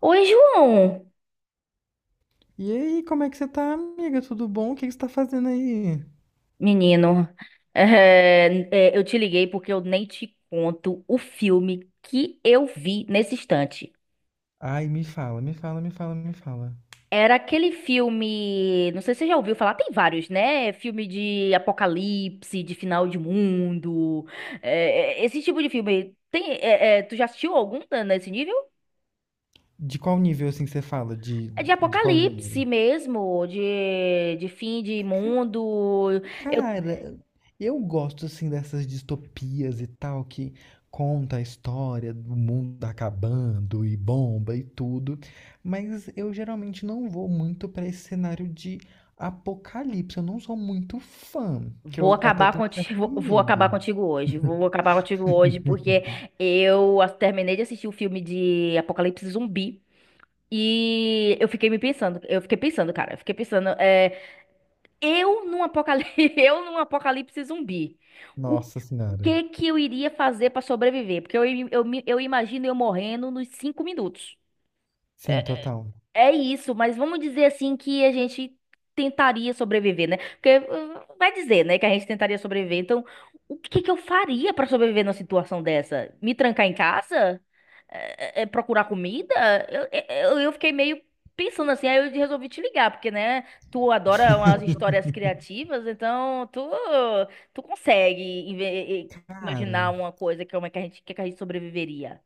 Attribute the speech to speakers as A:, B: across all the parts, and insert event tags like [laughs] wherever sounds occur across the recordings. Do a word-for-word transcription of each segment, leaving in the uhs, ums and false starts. A: Oi, João,
B: E aí, como é que você tá, amiga? Tudo bom? O que que você tá fazendo aí?
A: menino. É, é, eu te liguei porque eu nem te conto o filme que eu vi nesse instante.
B: Ai, me fala, me fala, me fala, me fala.
A: Era aquele filme, não sei se você já ouviu falar, tem vários, né? Filme de apocalipse, de final de mundo, é, é, esse tipo de filme. Tem, é, é, tu já assistiu algum tá, nesse nível?
B: De qual nível, assim, você fala? De,
A: É de
B: de qual
A: apocalipse
B: gênero?
A: mesmo, de, de fim de mundo.
B: Cara, eu gosto, assim, dessas distopias e tal, que conta a história do mundo acabando e bomba e tudo, mas eu geralmente não vou muito pra esse cenário de apocalipse. Eu não sou muito fã, que
A: Vou
B: eu até
A: acabar
B: tenho um certo
A: contigo, [laughs] vou acabar
B: medo.
A: contigo hoje. Vou acabar contigo hoje porque eu as- terminei de assistir o filme de Apocalipse Zumbi e eu fiquei me pensando, eu fiquei pensando, cara, eu fiquei pensando, é, eu num apocalipse, [laughs] eu num apocalipse zumbi, o
B: Nossa Senhora.
A: que que eu iria fazer pra sobreviver? Porque eu, im- eu, me- eu imagino eu morrendo nos cinco minutos.
B: Sim, total.
A: É isso, mas vamos dizer assim que a gente tentaria sobreviver, né? Porque uh, vai dizer, né, que a gente tentaria sobreviver. Então, o que que eu faria pra sobreviver numa situação dessa? Me trancar em casa? É, é, é, procurar comida? Eu, é, é, eu, eu fiquei meio pensando assim, aí eu resolvi te ligar, porque, né, tu adora umas histórias criativas, então tu, tu consegue inve-
B: Cara.
A: imaginar uma coisa como é que a gente, que é que a gente sobreviveria.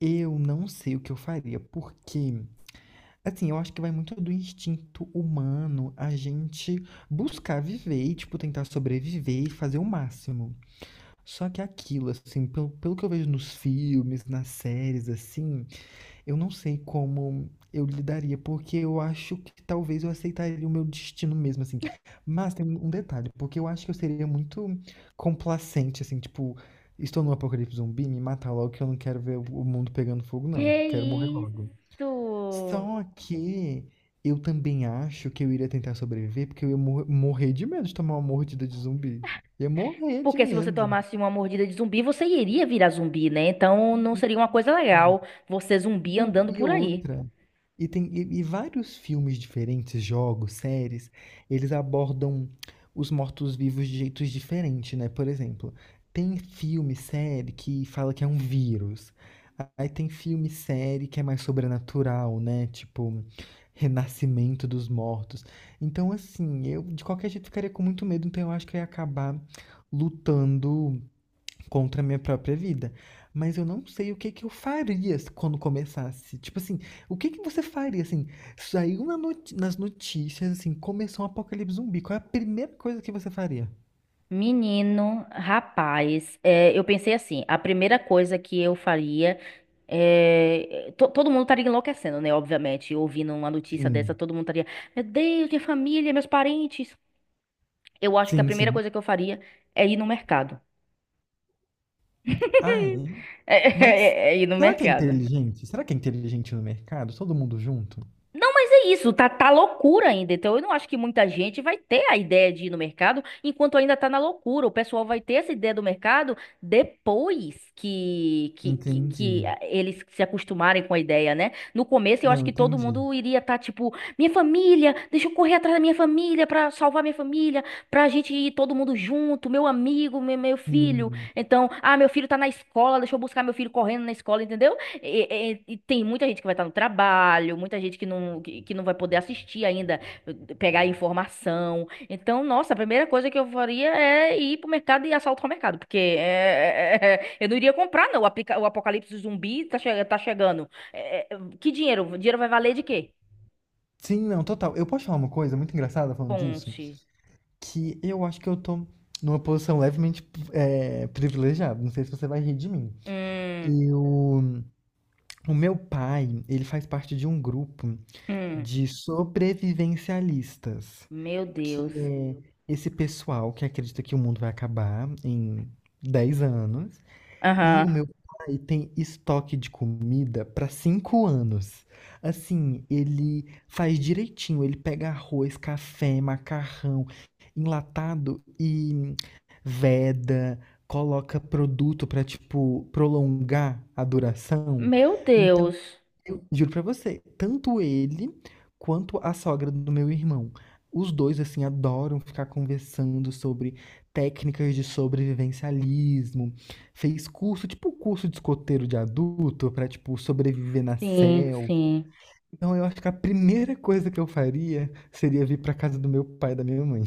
B: Eu não sei o que eu faria, porque, assim, eu acho que vai muito do instinto humano a gente buscar viver e, tipo, tentar sobreviver e fazer o máximo. Só que aquilo, assim, pelo, pelo que eu vejo nos filmes, nas séries, assim, eu não sei como eu lidaria, porque eu acho que talvez eu aceitaria o meu destino mesmo, assim. Mas tem um detalhe, porque eu acho que eu seria muito complacente, assim, tipo, estou no apocalipse zumbi, me matar logo que eu não quero ver o o mundo pegando fogo, não. Quero morrer
A: Que
B: logo.
A: isso?
B: Só que eu também acho que eu iria tentar sobreviver, porque eu ia mor- morrer de medo de tomar uma mordida de zumbi. Ia morrer de
A: Porque se você
B: medo.
A: tomasse uma mordida de zumbi, você iria virar zumbi, né? Então não seria uma coisa legal você zumbi
B: Não,
A: andando
B: e
A: por aí.
B: outra. E tem e, e vários filmes diferentes, jogos, séries, eles abordam os mortos-vivos de jeitos diferentes, né? Por exemplo, tem filme, série que fala que é um vírus. Aí tem filme, série que é mais sobrenatural, né? Tipo, Renascimento dos Mortos. Então, assim, eu de qualquer jeito ficaria com muito medo, então eu acho que eu ia acabar lutando contra a minha própria vida. Mas eu não sei o que que eu faria quando começasse. Tipo assim, o que que você faria, assim? Saiu na noti- nas notícias, assim, começou um apocalipse zumbi. Qual é a primeira coisa que você faria?
A: Menino, rapaz, é, eu pensei assim, a primeira coisa que eu faria é, to- todo mundo estaria enlouquecendo, né? Obviamente, ouvindo uma notícia dessa,
B: Sim,
A: todo mundo estaria, meu Deus, minha família, meus parentes. Eu acho que a
B: sim,
A: primeira
B: sim.
A: coisa que eu faria é ir no mercado.
B: Ah, é?
A: [laughs] é
B: Mas
A: é- é ir no
B: será que é
A: mercado.
B: inteligente? Será que é inteligente no mercado? Todo mundo junto?
A: Não, mas é isso, tá, tá loucura ainda. Então, eu não acho que muita gente vai ter a ideia de ir no mercado enquanto ainda tá na loucura. O pessoal vai ter essa ideia do mercado depois que, que, que, que
B: Entendi.
A: ah, eles se acostumarem com a ideia, né? No começo, eu acho
B: Não,
A: que todo
B: entendi.
A: mundo iria estar tipo: minha família, deixa eu correr atrás da minha família pra salvar minha família, pra gente ir todo mundo junto, meu amigo, meu, meu filho.
B: Sim.
A: Então, ah, meu filho tá na escola, deixa eu buscar meu filho correndo na escola, entendeu? E, e- e tem muita gente que vai estar no trabalho, muita gente que não, que, que não vai poder assistir ainda, pegar informação. Então, nossa, a primeira coisa que eu faria é ir pro mercado e assaltar o mercado, porque é, é, é, eu não iria comprar, não. O aplica- o apocalipse zumbi tá, che- tá chegando. É, é, que dinheiro? O dinheiro vai valer de quê?
B: Sim, não, total. Eu posso falar uma coisa muito engraçada falando disso?
A: Conte.
B: Que eu acho que eu tô numa posição levemente é, privilegiada. Não sei se você vai rir de mim.
A: Hum.
B: Eu, o meu pai, ele faz parte de um grupo
A: Hum.
B: de sobrevivencialistas,
A: Meu
B: que
A: Deus.
B: é esse pessoal que acredita que o mundo vai acabar em dez anos e o
A: Aham.
B: meu pai tem estoque de comida para cinco anos. Assim, ele faz direitinho, ele pega arroz, café, macarrão, enlatado e veda, coloca produto para tipo prolongar a duração.
A: Meu
B: Então,
A: Deus.
B: eu juro pra você, tanto ele quanto a sogra do meu irmão. Os dois, assim, adoram ficar conversando sobre técnicas de sobrevivencialismo. Fez curso, tipo curso de escoteiro de adulto, pra, tipo, sobreviver na
A: Sim,
B: selva.
A: sim.
B: Então, eu acho que a primeira coisa que eu faria seria vir pra casa do meu pai e da minha mãe.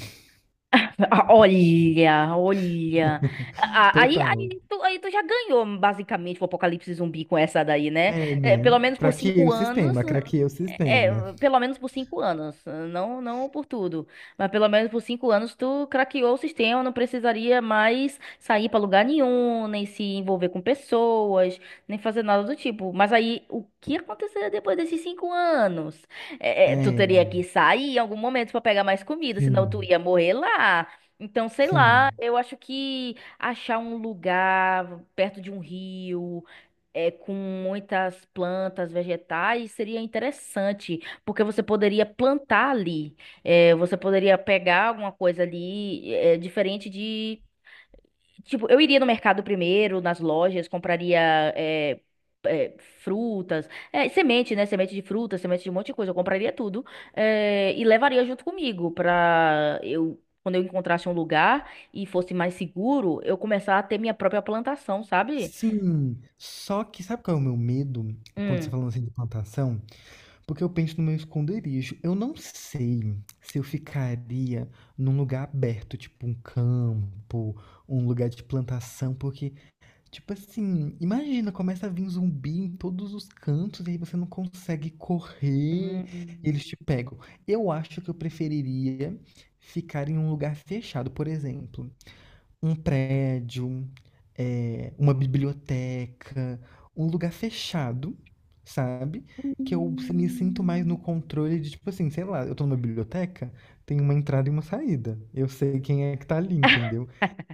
A: [laughs] Ah,
B: [laughs]
A: olha, olha. Ah, Aí,
B: Total.
A: aí, tu, aí tu já ganhou, basicamente, o Apocalipse Zumbi com essa daí, né?
B: É,
A: É, pelo
B: né?
A: menos por
B: Craqueei
A: cinco
B: o
A: anos.
B: sistema, craqueei o
A: É,
B: sistema.
A: é, pelo menos por cinco anos. Não, não por tudo. Mas pelo menos por cinco anos tu craqueou o sistema. Não precisaria mais sair pra lugar nenhum, nem se envolver com pessoas, nem fazer nada do tipo. Mas aí, o que aconteceria depois desses cinco anos? É, é, tu teria
B: É,
A: que sair em algum momento pra pegar mais comida, senão tu
B: sim,
A: ia morrer lá. Então, sei lá,
B: sim.
A: eu acho que achar um lugar perto de um rio, é, com muitas plantas vegetais, seria interessante, porque você poderia plantar ali. É, você poderia pegar alguma coisa ali, é, diferente de. Tipo, eu iria no mercado primeiro, nas lojas, compraria é, é, frutas, é, semente, né? Semente de fruta, semente de um monte de coisa. Eu compraria tudo é, e levaria junto comigo pra eu, quando eu encontrasse um lugar e fosse mais seguro, eu começar a ter minha própria plantação, sabe?
B: Sim, só que sabe qual é o meu medo quando você tá
A: Hum.
B: falando assim de plantação? Porque eu penso no meu esconderijo. Eu não sei se eu ficaria num lugar aberto, tipo um campo, um lugar de plantação, porque, tipo assim, imagina, começa a vir zumbi em todos os cantos e aí você não consegue correr e eles
A: Hum.
B: te pegam. Eu acho que eu preferiria ficar em um lugar fechado, por exemplo. Um prédio, eh, uma biblioteca, um lugar fechado, sabe? Que eu me sinto mais no controle de, tipo assim, sei lá, eu tô numa biblioteca, tem uma entrada e uma saída. Eu sei quem é que tá ali,
A: [laughs]
B: entendeu?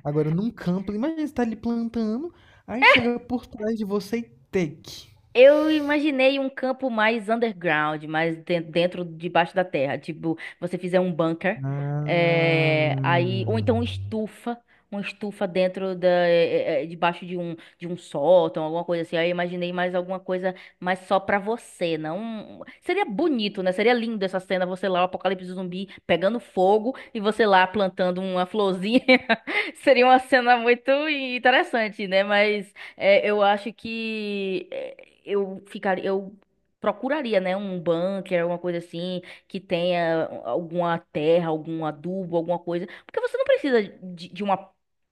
B: Agora, num campo, imagina você tá ali plantando, aí chega por trás de você e take.
A: Eu imaginei um campo mais underground, mais den- dentro, debaixo da terra. Tipo, você fizer um bunker, eh,
B: Ah.
A: aí, ou então uma estufa, uma estufa dentro da, eh, eh, eh, debaixo de um, de um sótão, alguma coisa assim. Aí eu imaginei mais alguma coisa, mas só pra você, não. um, Seria bonito, né? Seria lindo essa cena, você lá, o apocalipse zumbi pegando fogo e você lá plantando uma florzinha. [laughs] Seria uma cena muito interessante, né? Mas é, eu acho que é, eu ficaria, eu procuraria, né, um bunker, alguma coisa assim, que tenha alguma terra, algum adubo, alguma coisa, porque você não precisa de, de uma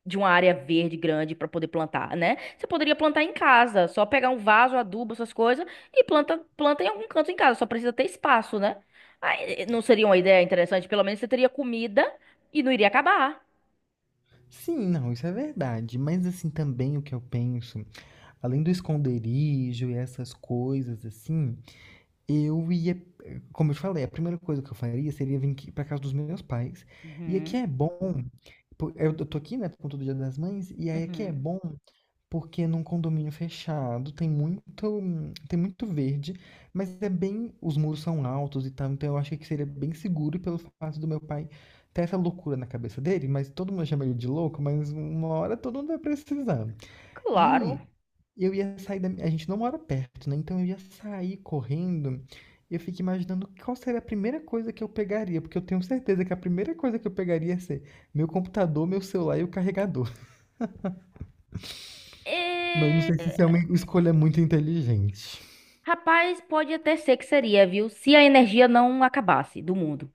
A: de uma área verde grande para poder plantar, né? Você poderia plantar em casa, só pegar um vaso, adubo, essas coisas e planta planta em algum canto em casa, só precisa ter espaço, né? Aí, eh, não seria uma ideia interessante? Pelo menos você teria comida e não iria acabar.
B: Sim, não, isso é verdade. Mas assim, também o que eu penso, além do esconderijo e essas coisas assim, eu ia, como eu te falei, a primeira coisa que eu faria seria vir aqui para casa dos meus pais. E aqui
A: Uhum,
B: é bom, po- eu eu tô aqui, né, com todo Dia das Mães, e aí aqui é
A: uhum.
B: bom porque num condomínio fechado tem muito, tem muito verde, mas é bem, os muros são altos e tal, então eu achei que seria bem seguro e pelo fato do meu pai ter essa loucura na cabeça dele, mas todo mundo chama ele de louco, mas uma hora todo mundo vai precisar.
A: Claro.
B: E eu ia sair da. A gente não mora perto, né? Então eu ia sair correndo. Eu fico imaginando qual seria a primeira coisa que eu pegaria, porque eu tenho certeza que a primeira coisa que eu pegaria ia ser meu computador, meu celular e o carregador. [laughs] Mas não sei se
A: É,
B: isso é uma escolha muito inteligente.
A: Rapaz, pode até ser que seria, viu? Se a energia não acabasse do mundo.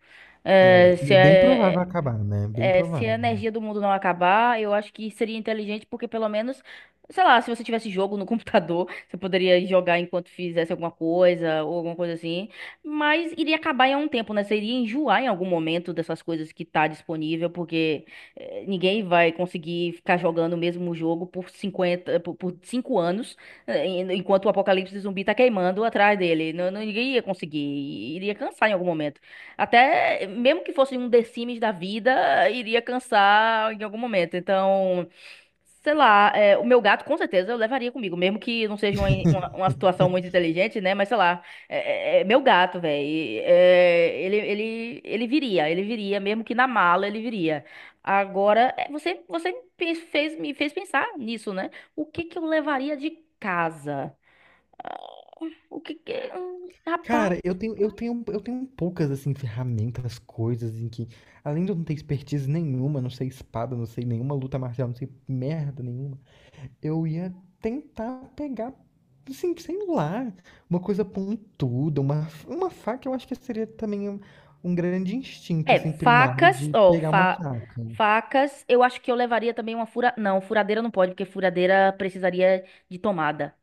B: É,
A: É,
B: e
A: se
B: é bem provável
A: é-
B: acabar, né? Bem
A: é, se a
B: provável.
A: energia do mundo não acabar, eu acho que seria inteligente, porque pelo menos, sei lá, se você tivesse jogo no [laughs] computador, você poderia jogar enquanto fizesse alguma coisa ou alguma coisa assim. Mas iria acabar em algum tempo, né? Você iria enjoar em algum momento dessas coisas que tá disponível, porque eh, ninguém vai conseguir ficar jogando o mesmo jogo por cinquenta, por, por cinco anos, eh, en- enquanto o apocalipse zumbi tá queimando atrás dele. Não, não- ninguém ia conseguir, iria cansar em algum momento. Até mesmo que fosse um The Sims da vida, iria cansar em algum momento. Então, sei lá, é, o meu gato com certeza eu levaria comigo, mesmo que não seja uma, uma, uma situação muito
B: [laughs]
A: inteligente, né? Mas sei lá, é, é- é meu gato, velho. ele, ele, ele viria, ele viria, mesmo que na mala ele viria. Agora, é, você, você me fez, fez- me fez pensar nisso, né? O que que eu levaria de casa? O que que. hum,
B: Cara, eu tenho, eu tenho, eu tenho poucas assim ferramentas, coisas em que, além de eu não ter expertise nenhuma, não sei espada, não sei nenhuma luta marcial, não sei merda nenhuma. Eu ia tentar pegar, assim, sei lá, uma coisa pontuda, uma, uma faca, eu acho que seria também um, um grande instinto,
A: É,
B: assim, primário
A: facas,
B: de
A: ó,
B: pegar uma
A: fa-
B: faca.
A: facas, eu acho que eu levaria também uma fura... Não, furadeira não pode, porque furadeira precisaria de tomada.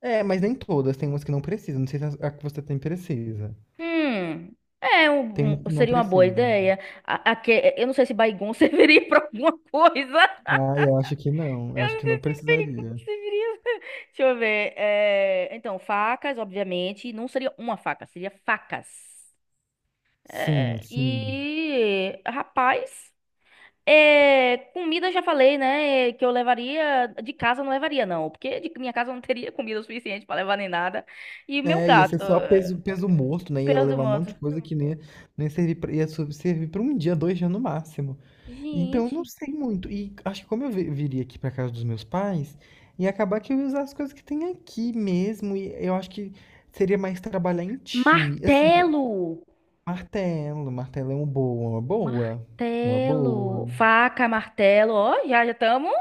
B: É, mas nem todas, tem umas que não precisam, não sei se a a que você tem precisa.
A: Hum, é,
B: Tem
A: um-
B: umas
A: um-
B: que não
A: seria uma boa
B: precisa.
A: ideia. A, a que- eu não sei se Baygon [laughs] serviria pra alguma coisa.
B: Ah, eu acho que não, eu
A: Eu
B: acho
A: não
B: que não
A: sei se
B: precisaria.
A: Baygon serviria. Deixa eu ver. é, Então, facas, obviamente, não seria uma faca, seria facas.
B: Sim,
A: É,
B: sim.
A: E, rapaz. É, comida eu já falei, né? é, Que eu levaria de casa eu não levaria não, porque de minha casa eu não teria [laughs] comida o suficiente pra levar nem nada. E meu
B: É, ia ser
A: gato,
B: só
A: é,
B: peso, peso morto, né? Ia
A: pelo do
B: levar um monte de
A: mundo.
B: coisa que nem, nem servir pra, ia so- servir pra um dia, dois dias no máximo. Então, eu não
A: Gente,
B: sei muito. E acho que como eu vi- viria aqui pra casa dos meus pais, ia acabar que eu ia usar as coisas que tem aqui mesmo. E eu acho que seria mais trabalhar em time. Assim,
A: martelo,
B: martelo, martelo é uma boa, uma boa. Uma
A: martelo,
B: boa.
A: faca, martelo, ó, já já estamos,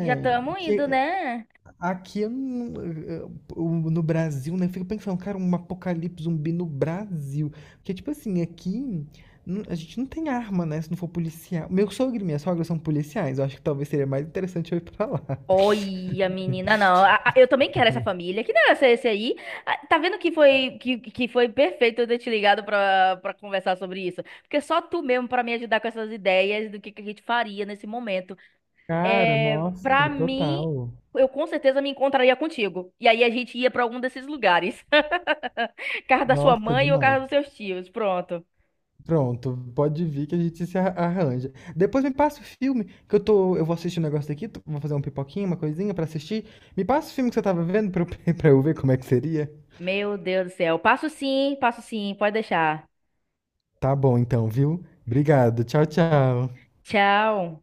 A: já estamos
B: que
A: indo, né?
B: aqui eu não- eu- eu- no Brasil, né? Eu fico pensando, cara, um apocalipse zumbi no Brasil. Porque, tipo assim, aqui não- a gente não tem arma, né? Se não for policial. Meu sogro e minha sogra são policiais. Eu acho que talvez seria mais interessante eu ir pra lá.
A: Olha, menina, não. A- a- Eu também quero essa família. Que negócio é esse aí? Ah, tá vendo que foi que, que foi perfeito eu ter te ligado pra, pra, conversar sobre isso? Porque só tu mesmo pra me ajudar com essas ideias do que, que a gente faria nesse momento.
B: Cara,
A: É, pra
B: nossa,
A: mim,
B: total.
A: eu com certeza me encontraria contigo. E aí a gente ia pra algum desses lugares. [laughs] Casa da sua
B: Nossa,
A: mãe ou
B: demais.
A: casa dos seus tios. Pronto.
B: Pronto, pode vir que a gente se ar- arranja. Depois me passa o filme, que eu tô, eu vou assistir um negócio aqui, tô- vou fazer um pipoquinho, uma coisinha pra assistir. Me passa o filme que você tava vendo pra eu, [laughs] pra eu ver como é que seria.
A: Meu Deus do céu. Passo sim, passo sim. Pode deixar.
B: Tá bom então, viu? Obrigado. Tchau, tchau.
A: Tchau.